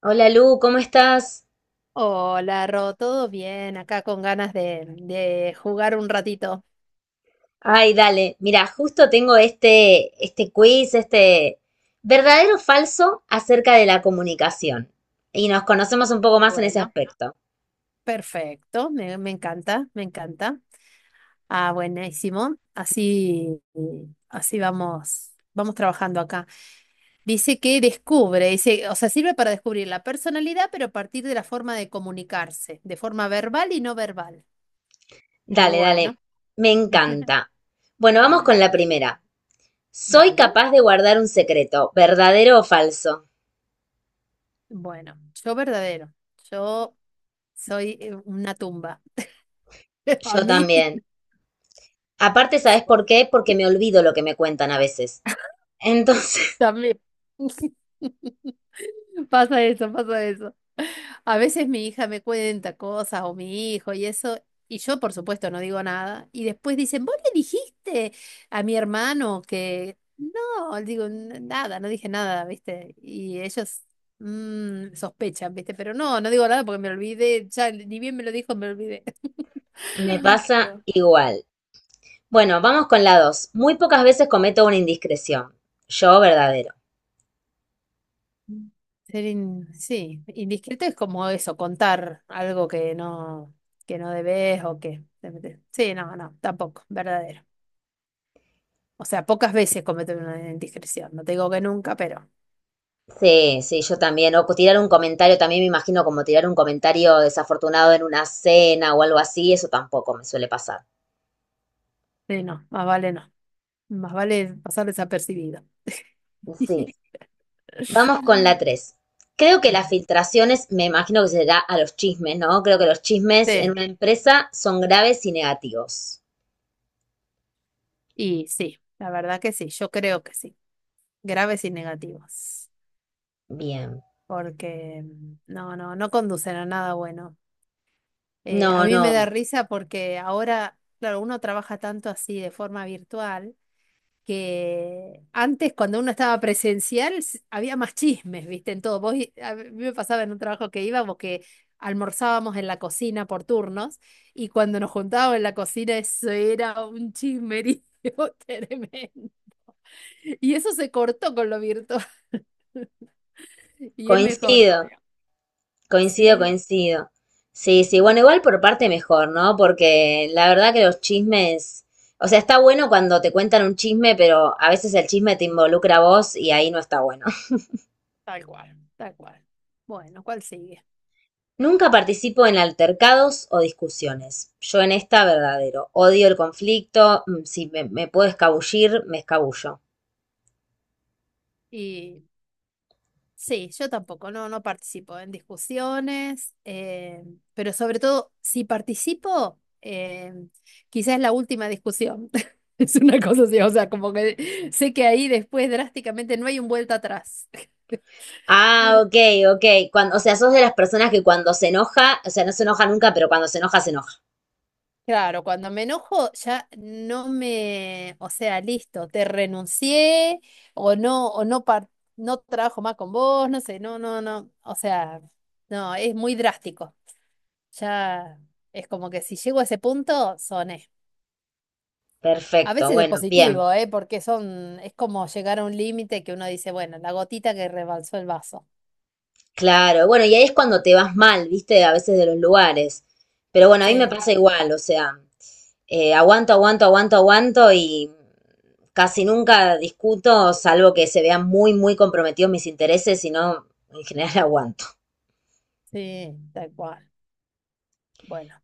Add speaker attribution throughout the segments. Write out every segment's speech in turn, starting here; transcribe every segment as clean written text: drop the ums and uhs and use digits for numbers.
Speaker 1: Hola Lu, ¿cómo estás?
Speaker 2: Hola, Ro, ¿todo bien? Acá con ganas de jugar un ratito.
Speaker 1: Ay, dale, mira, justo tengo este quiz, verdadero o falso acerca de la comunicación. Y nos conocemos un poco más en ese
Speaker 2: Bueno,
Speaker 1: aspecto.
Speaker 2: perfecto, me encanta, me encanta. Ah, buenísimo. Así, así vamos, vamos trabajando acá. Dice que descubre, dice, o sea, sirve para descubrir la personalidad, pero a partir de la forma de comunicarse, de forma verbal y no verbal.
Speaker 1: Dale, dale,
Speaker 2: Bueno,
Speaker 1: me encanta. Bueno, vamos con la
Speaker 2: bien,
Speaker 1: primera. ¿Soy
Speaker 2: dale.
Speaker 1: capaz de guardar un secreto, verdadero o falso?
Speaker 2: Bueno, yo verdadero, yo soy una tumba. A
Speaker 1: Yo
Speaker 2: mí.
Speaker 1: también. Aparte, ¿sabes por qué? Porque me olvido lo que me cuentan a veces. Entonces,
Speaker 2: También pasa eso, pasa eso. A veces mi hija me cuenta cosas o mi hijo y eso, y yo por supuesto no digo nada. Y después dicen, ¿vos le dijiste a mi hermano que...? No, digo: Nada, no dije nada, ¿viste?". Y ellos sospechan, ¿viste? Pero no, no digo nada porque me olvidé, ya ni bien me lo dijo, me olvidé.
Speaker 1: me pasa
Speaker 2: No.
Speaker 1: igual. Bueno, vamos con la dos. Muy pocas veces cometo una indiscreción. Yo, verdadero.
Speaker 2: Ser sí, indiscreto es como eso, contar algo que no debes o que te metes. Sí, no, no, tampoco, verdadero. O sea, pocas veces cometo una indiscreción. No te digo que nunca, pero
Speaker 1: Sí, sí, yo también. O pues tirar un comentario, también me imagino como tirar un comentario desafortunado en una cena o algo así, eso tampoco me suele pasar.
Speaker 2: sí, no, más vale no. Más vale pasar desapercibido.
Speaker 1: Sí. Vamos con la tres. Creo que las filtraciones, me imagino que será a los chismes, ¿no? Creo que los chismes en
Speaker 2: Sí,
Speaker 1: una empresa son graves y negativos.
Speaker 2: y sí, la verdad que sí, yo creo que sí. Graves y negativos.
Speaker 1: Bien.
Speaker 2: Porque no, no, no conducen a nada bueno.
Speaker 1: No,
Speaker 2: A mí
Speaker 1: no,
Speaker 2: me da risa porque ahora, claro, uno trabaja tanto así de forma virtual que antes cuando uno estaba presencial había más chismes, ¿viste? En todo. Vos, a mí me pasaba en un trabajo que íbamos que almorzábamos en la cocina por turnos y cuando nos juntábamos en la cocina eso era un chismerío tremendo. Y eso se cortó con lo virtual y es mejor.
Speaker 1: coincido. Coincido,
Speaker 2: Sí,
Speaker 1: coincido. Sí, sí, bueno, igual por parte mejor, ¿no? Porque la verdad que los chismes, o sea, está bueno cuando te cuentan un chisme, pero a veces el chisme te involucra a vos y ahí no está bueno.
Speaker 2: tal cual, tal cual. Bueno, ¿cuál sigue?
Speaker 1: Nunca participo en altercados o discusiones. Yo en esta verdadero. Odio el conflicto, si me puedo escabullir, me escabullo.
Speaker 2: Y sí, yo tampoco, no, no participo en discusiones, pero sobre todo, si participo, quizás es la última discusión. Es una cosa así, o sea, como que sé que ahí después drásticamente no hay un vuelta atrás.
Speaker 1: Ah, ok, ok. Cuando, o sea, sos de las personas que cuando se enoja, o sea, no se enoja nunca, pero cuando se enoja, se enoja.
Speaker 2: Claro, cuando me enojo ya no me, o sea, listo, te renuncié o no, no trabajo más con vos, no sé, no, no, no, o sea, no, es muy drástico. Ya es como que si llego a ese punto, son... A
Speaker 1: Perfecto,
Speaker 2: veces es
Speaker 1: bueno, bien.
Speaker 2: positivo, ¿eh? Porque son, es como llegar a un límite que uno dice, bueno, la gotita que rebalsó el vaso.
Speaker 1: Claro, bueno, y ahí es cuando te vas mal, ¿viste? A veces de los lugares. Pero bueno, a
Speaker 2: Sí,
Speaker 1: mí me pasa igual, o sea, aguanto, aguanto, aguanto, aguanto y casi nunca discuto, salvo que se vean muy, muy comprometidos mis intereses, sino en general aguanto.
Speaker 2: sí, tal cual. Bueno,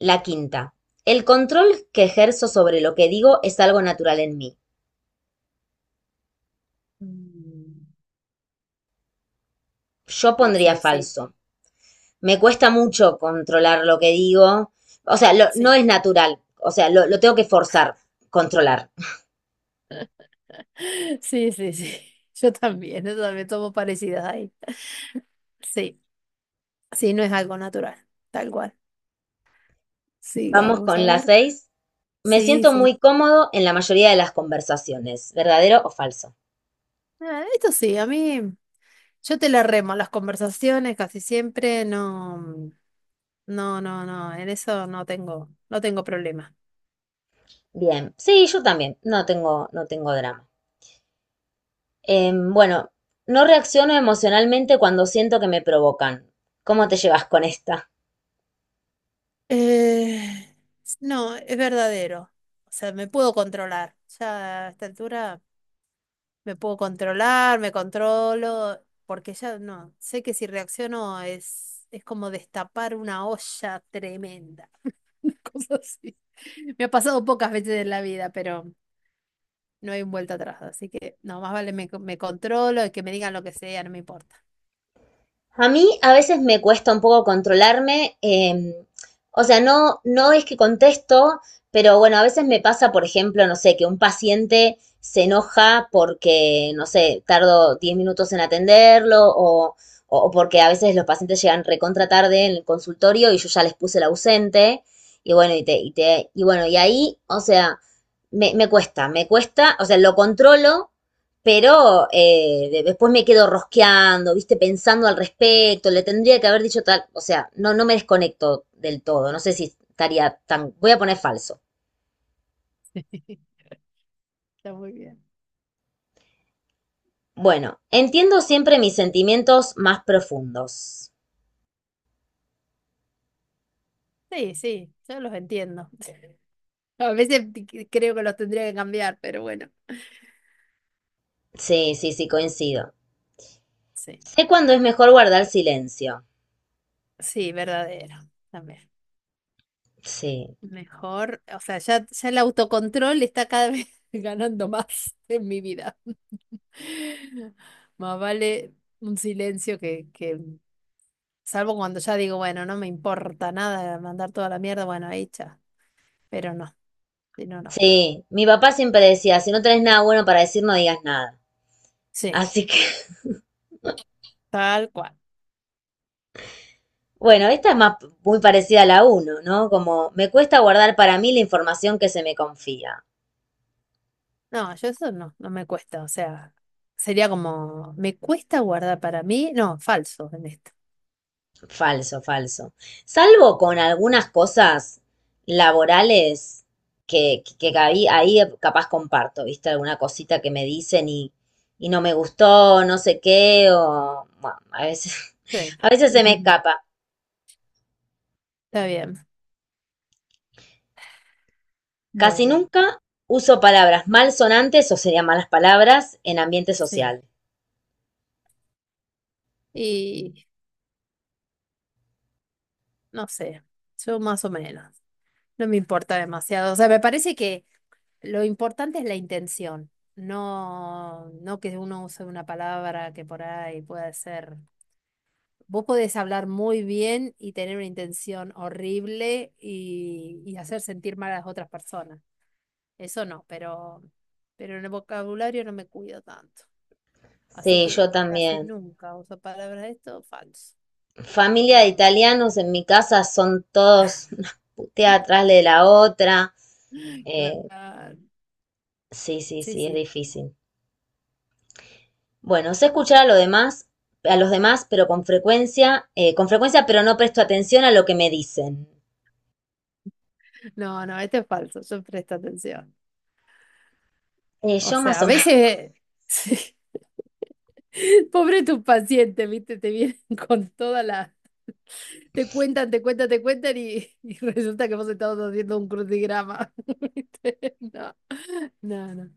Speaker 1: La quinta, el control que ejerzo sobre lo que digo es algo natural en mí.
Speaker 2: mm,
Speaker 1: Yo
Speaker 2: no
Speaker 1: pondría
Speaker 2: sé, sí,
Speaker 1: falso. Me cuesta mucho controlar lo que digo, o sea, lo- no
Speaker 2: sí.
Speaker 1: es natural, o sea, lo tengo que forzar, controlar.
Speaker 2: Sí, sí, sí. Yo también tomo parecidas ahí. Sí, sí, no es algo natural, tal cual.
Speaker 1: Vamos
Speaker 2: Sigamos a
Speaker 1: con la
Speaker 2: ver.
Speaker 1: seis. Me
Speaker 2: Sí,
Speaker 1: siento
Speaker 2: sí.
Speaker 1: muy cómodo en la mayoría de las conversaciones, verdadero o falso.
Speaker 2: Ah, esto sí, a mí, yo te la remo las conversaciones casi siempre, no, no, no, no, en eso no tengo, no tengo problema.
Speaker 1: Bien, sí, yo también, no tengo, no tengo drama. Bueno, no reacciono emocionalmente cuando siento que me provocan. ¿Cómo te llevas con esta?
Speaker 2: Eh, no, es verdadero. O sea, me puedo controlar. Ya a esta altura me puedo controlar, me controlo, porque ya no, sé que si reacciono es como destapar una olla tremenda. Una cosa así. Me ha pasado pocas veces en la vida, pero no hay vuelta atrás. Así que no, más vale me, me controlo y que me digan lo que sea, no me importa.
Speaker 1: A mí a veces me cuesta un poco controlarme, o sea, no, no es que contesto, pero bueno, a veces me pasa, por ejemplo, no sé, que un paciente se enoja porque, no sé, tardo 10 minutos en atenderlo o porque a veces los pacientes llegan recontra tarde en el consultorio y yo ya les puse el ausente y bueno, y bueno, y ahí, o sea, me cuesta, o sea, lo controlo, pero después me quedo rosqueando, viste, pensando al respecto, le tendría que haber dicho tal, o sea, no, no me desconecto del todo, no sé si estaría tan, voy a poner falso.
Speaker 2: Está muy bien.
Speaker 1: Bueno, entiendo siempre mis sentimientos más profundos.
Speaker 2: Sí, sí, yo los entiendo. A veces creo que los tendría que cambiar, pero bueno.
Speaker 1: Sí, sí, sí, coincido.
Speaker 2: Sí,
Speaker 1: Sé cuándo es mejor guardar silencio.
Speaker 2: sí, verdadero. También.
Speaker 1: Sí,
Speaker 2: Mejor, o sea, ya, ya el autocontrol está cada vez ganando más en mi vida. Más vale un silencio salvo cuando ya digo, bueno, no me importa nada mandar toda la mierda, bueno, ahí ya. Pero no, si no, no.
Speaker 1: sí, mi papá siempre decía, si no tenés nada bueno para decir, no digas nada.
Speaker 2: Sí,
Speaker 1: Así que,
Speaker 2: tal cual.
Speaker 1: bueno, esta es más muy parecida a la uno, ¿no? Como me cuesta guardar para mí la información que se me confía.
Speaker 2: No, yo eso no, no me cuesta, o sea, sería como, me cuesta guardar para mí, no, falso.
Speaker 1: Falso, falso. Salvo con algunas cosas laborales que ahí, ahí capaz comparto, ¿viste? Alguna cosita que me dicen y no me gustó, no sé qué, o bueno, a veces,
Speaker 2: Sí,
Speaker 1: a veces se me escapa.
Speaker 2: está bien.
Speaker 1: Casi
Speaker 2: Bueno,
Speaker 1: nunca uso palabras malsonantes o serían malas palabras en ambiente
Speaker 2: sí.
Speaker 1: social.
Speaker 2: Y no sé, yo más o menos. No me importa demasiado. O sea, me parece que lo importante es la intención, no, no que uno use una palabra que por ahí pueda ser. Vos podés hablar muy bien y tener una intención horrible y hacer sentir mal a las otras personas. Eso no, pero en el vocabulario no me cuido tanto. Así
Speaker 1: Sí,
Speaker 2: que
Speaker 1: yo
Speaker 2: casi
Speaker 1: también.
Speaker 2: nunca uso palabras de esto, falso.
Speaker 1: Familia de
Speaker 2: Que-
Speaker 1: italianos en mi casa son todos una putea atrás de la otra. Eh,
Speaker 2: Claro,
Speaker 1: sí, sí,
Speaker 2: sí,
Speaker 1: sí, es
Speaker 2: sí.
Speaker 1: difícil. Bueno, sé escuchar a lo demás, a los demás, pero con frecuencia, pero no presto atención a lo que me dicen.
Speaker 2: No, no, este es falso, yo presto atención. O
Speaker 1: Yo más
Speaker 2: sea, a
Speaker 1: o menos.
Speaker 2: veces, sí. Pobre tu paciente viste, te vienen con toda la... Te cuentan, te cuentan, te cuentan y resulta que vos estabas haciendo un crucigrama. ¿Viste? No, no, no.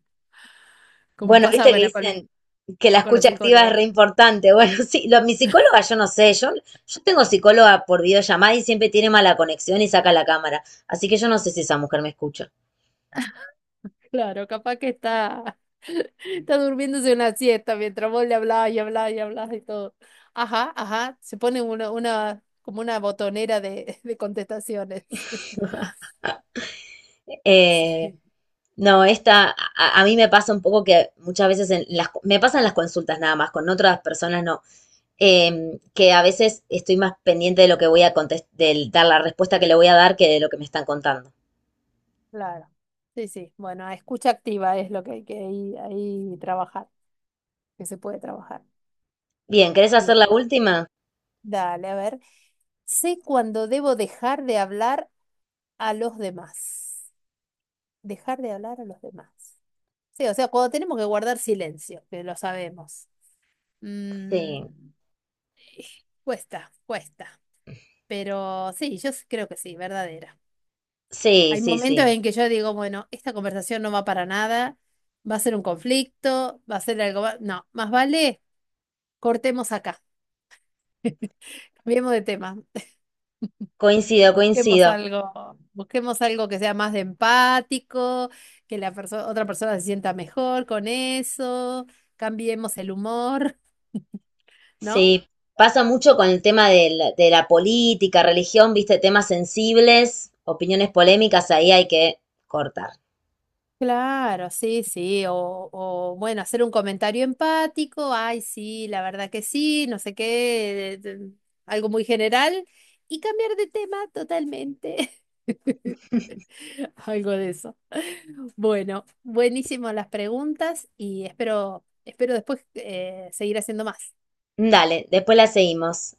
Speaker 2: Como
Speaker 1: Bueno,
Speaker 2: pasa,
Speaker 1: viste que
Speaker 2: bueno,
Speaker 1: dicen que la
Speaker 2: con los
Speaker 1: escucha activa es
Speaker 2: psicólogos.
Speaker 1: re importante. Bueno, sí, lo- mi psicóloga, yo no sé, yo tengo psicóloga por videollamada y siempre tiene mala conexión y saca la cámara. Así que yo no sé si esa mujer me escucha.
Speaker 2: Claro, capaz que está, está durmiéndose una siesta mientras vos le hablabas y hablabas y hablabas y todo. Ajá, ajá, se pone una, como una botonera de contestaciones.
Speaker 1: Eh,
Speaker 2: Sí,
Speaker 1: no, esta, a mí me pasa un poco que muchas veces en las, me pasan las consultas nada más, con otras personas no. Eh, que a veces estoy más pendiente de lo que voy a contestar, de dar la respuesta que le voy a dar que de lo que me están contando.
Speaker 2: claro. Sí, sí. Bueno, escucha activa es lo que hay que ahí, ahí trabajar, que se puede trabajar.
Speaker 1: Bien, ¿querés hacer la
Speaker 2: Bien,
Speaker 1: última?
Speaker 2: dale, a ver. Sé cuando debo dejar de hablar a los demás. Dejar de hablar a los demás. Sí, o sea, cuando tenemos que guardar silencio, que lo sabemos.
Speaker 1: Sí,
Speaker 2: Mm, cuesta, cuesta. Pero sí, yo creo que sí, verdadera.
Speaker 1: sí,
Speaker 2: Hay
Speaker 1: sí,
Speaker 2: momentos
Speaker 1: sí.
Speaker 2: en que yo digo, bueno, esta conversación no va para nada, va a ser un conflicto, va a ser algo... No, más vale cortemos acá, cambiemos de tema,
Speaker 1: Coincido, coincido.
Speaker 2: busquemos algo que sea más de empático, que la otra persona se sienta mejor con eso, cambiemos el humor, ¿no?
Speaker 1: Sí, pasa mucho con el tema de de la política, religión, viste, temas sensibles, opiniones polémicas, ahí hay que cortar.
Speaker 2: Claro, sí, sí, o, bueno, hacer un comentario empático, ay, sí, la verdad que sí, no sé qué, algo muy general, y cambiar de tema totalmente. Algo de eso. Bueno, buenísimo las preguntas y espero, espero después seguir haciendo más.
Speaker 1: Dale, después la seguimos.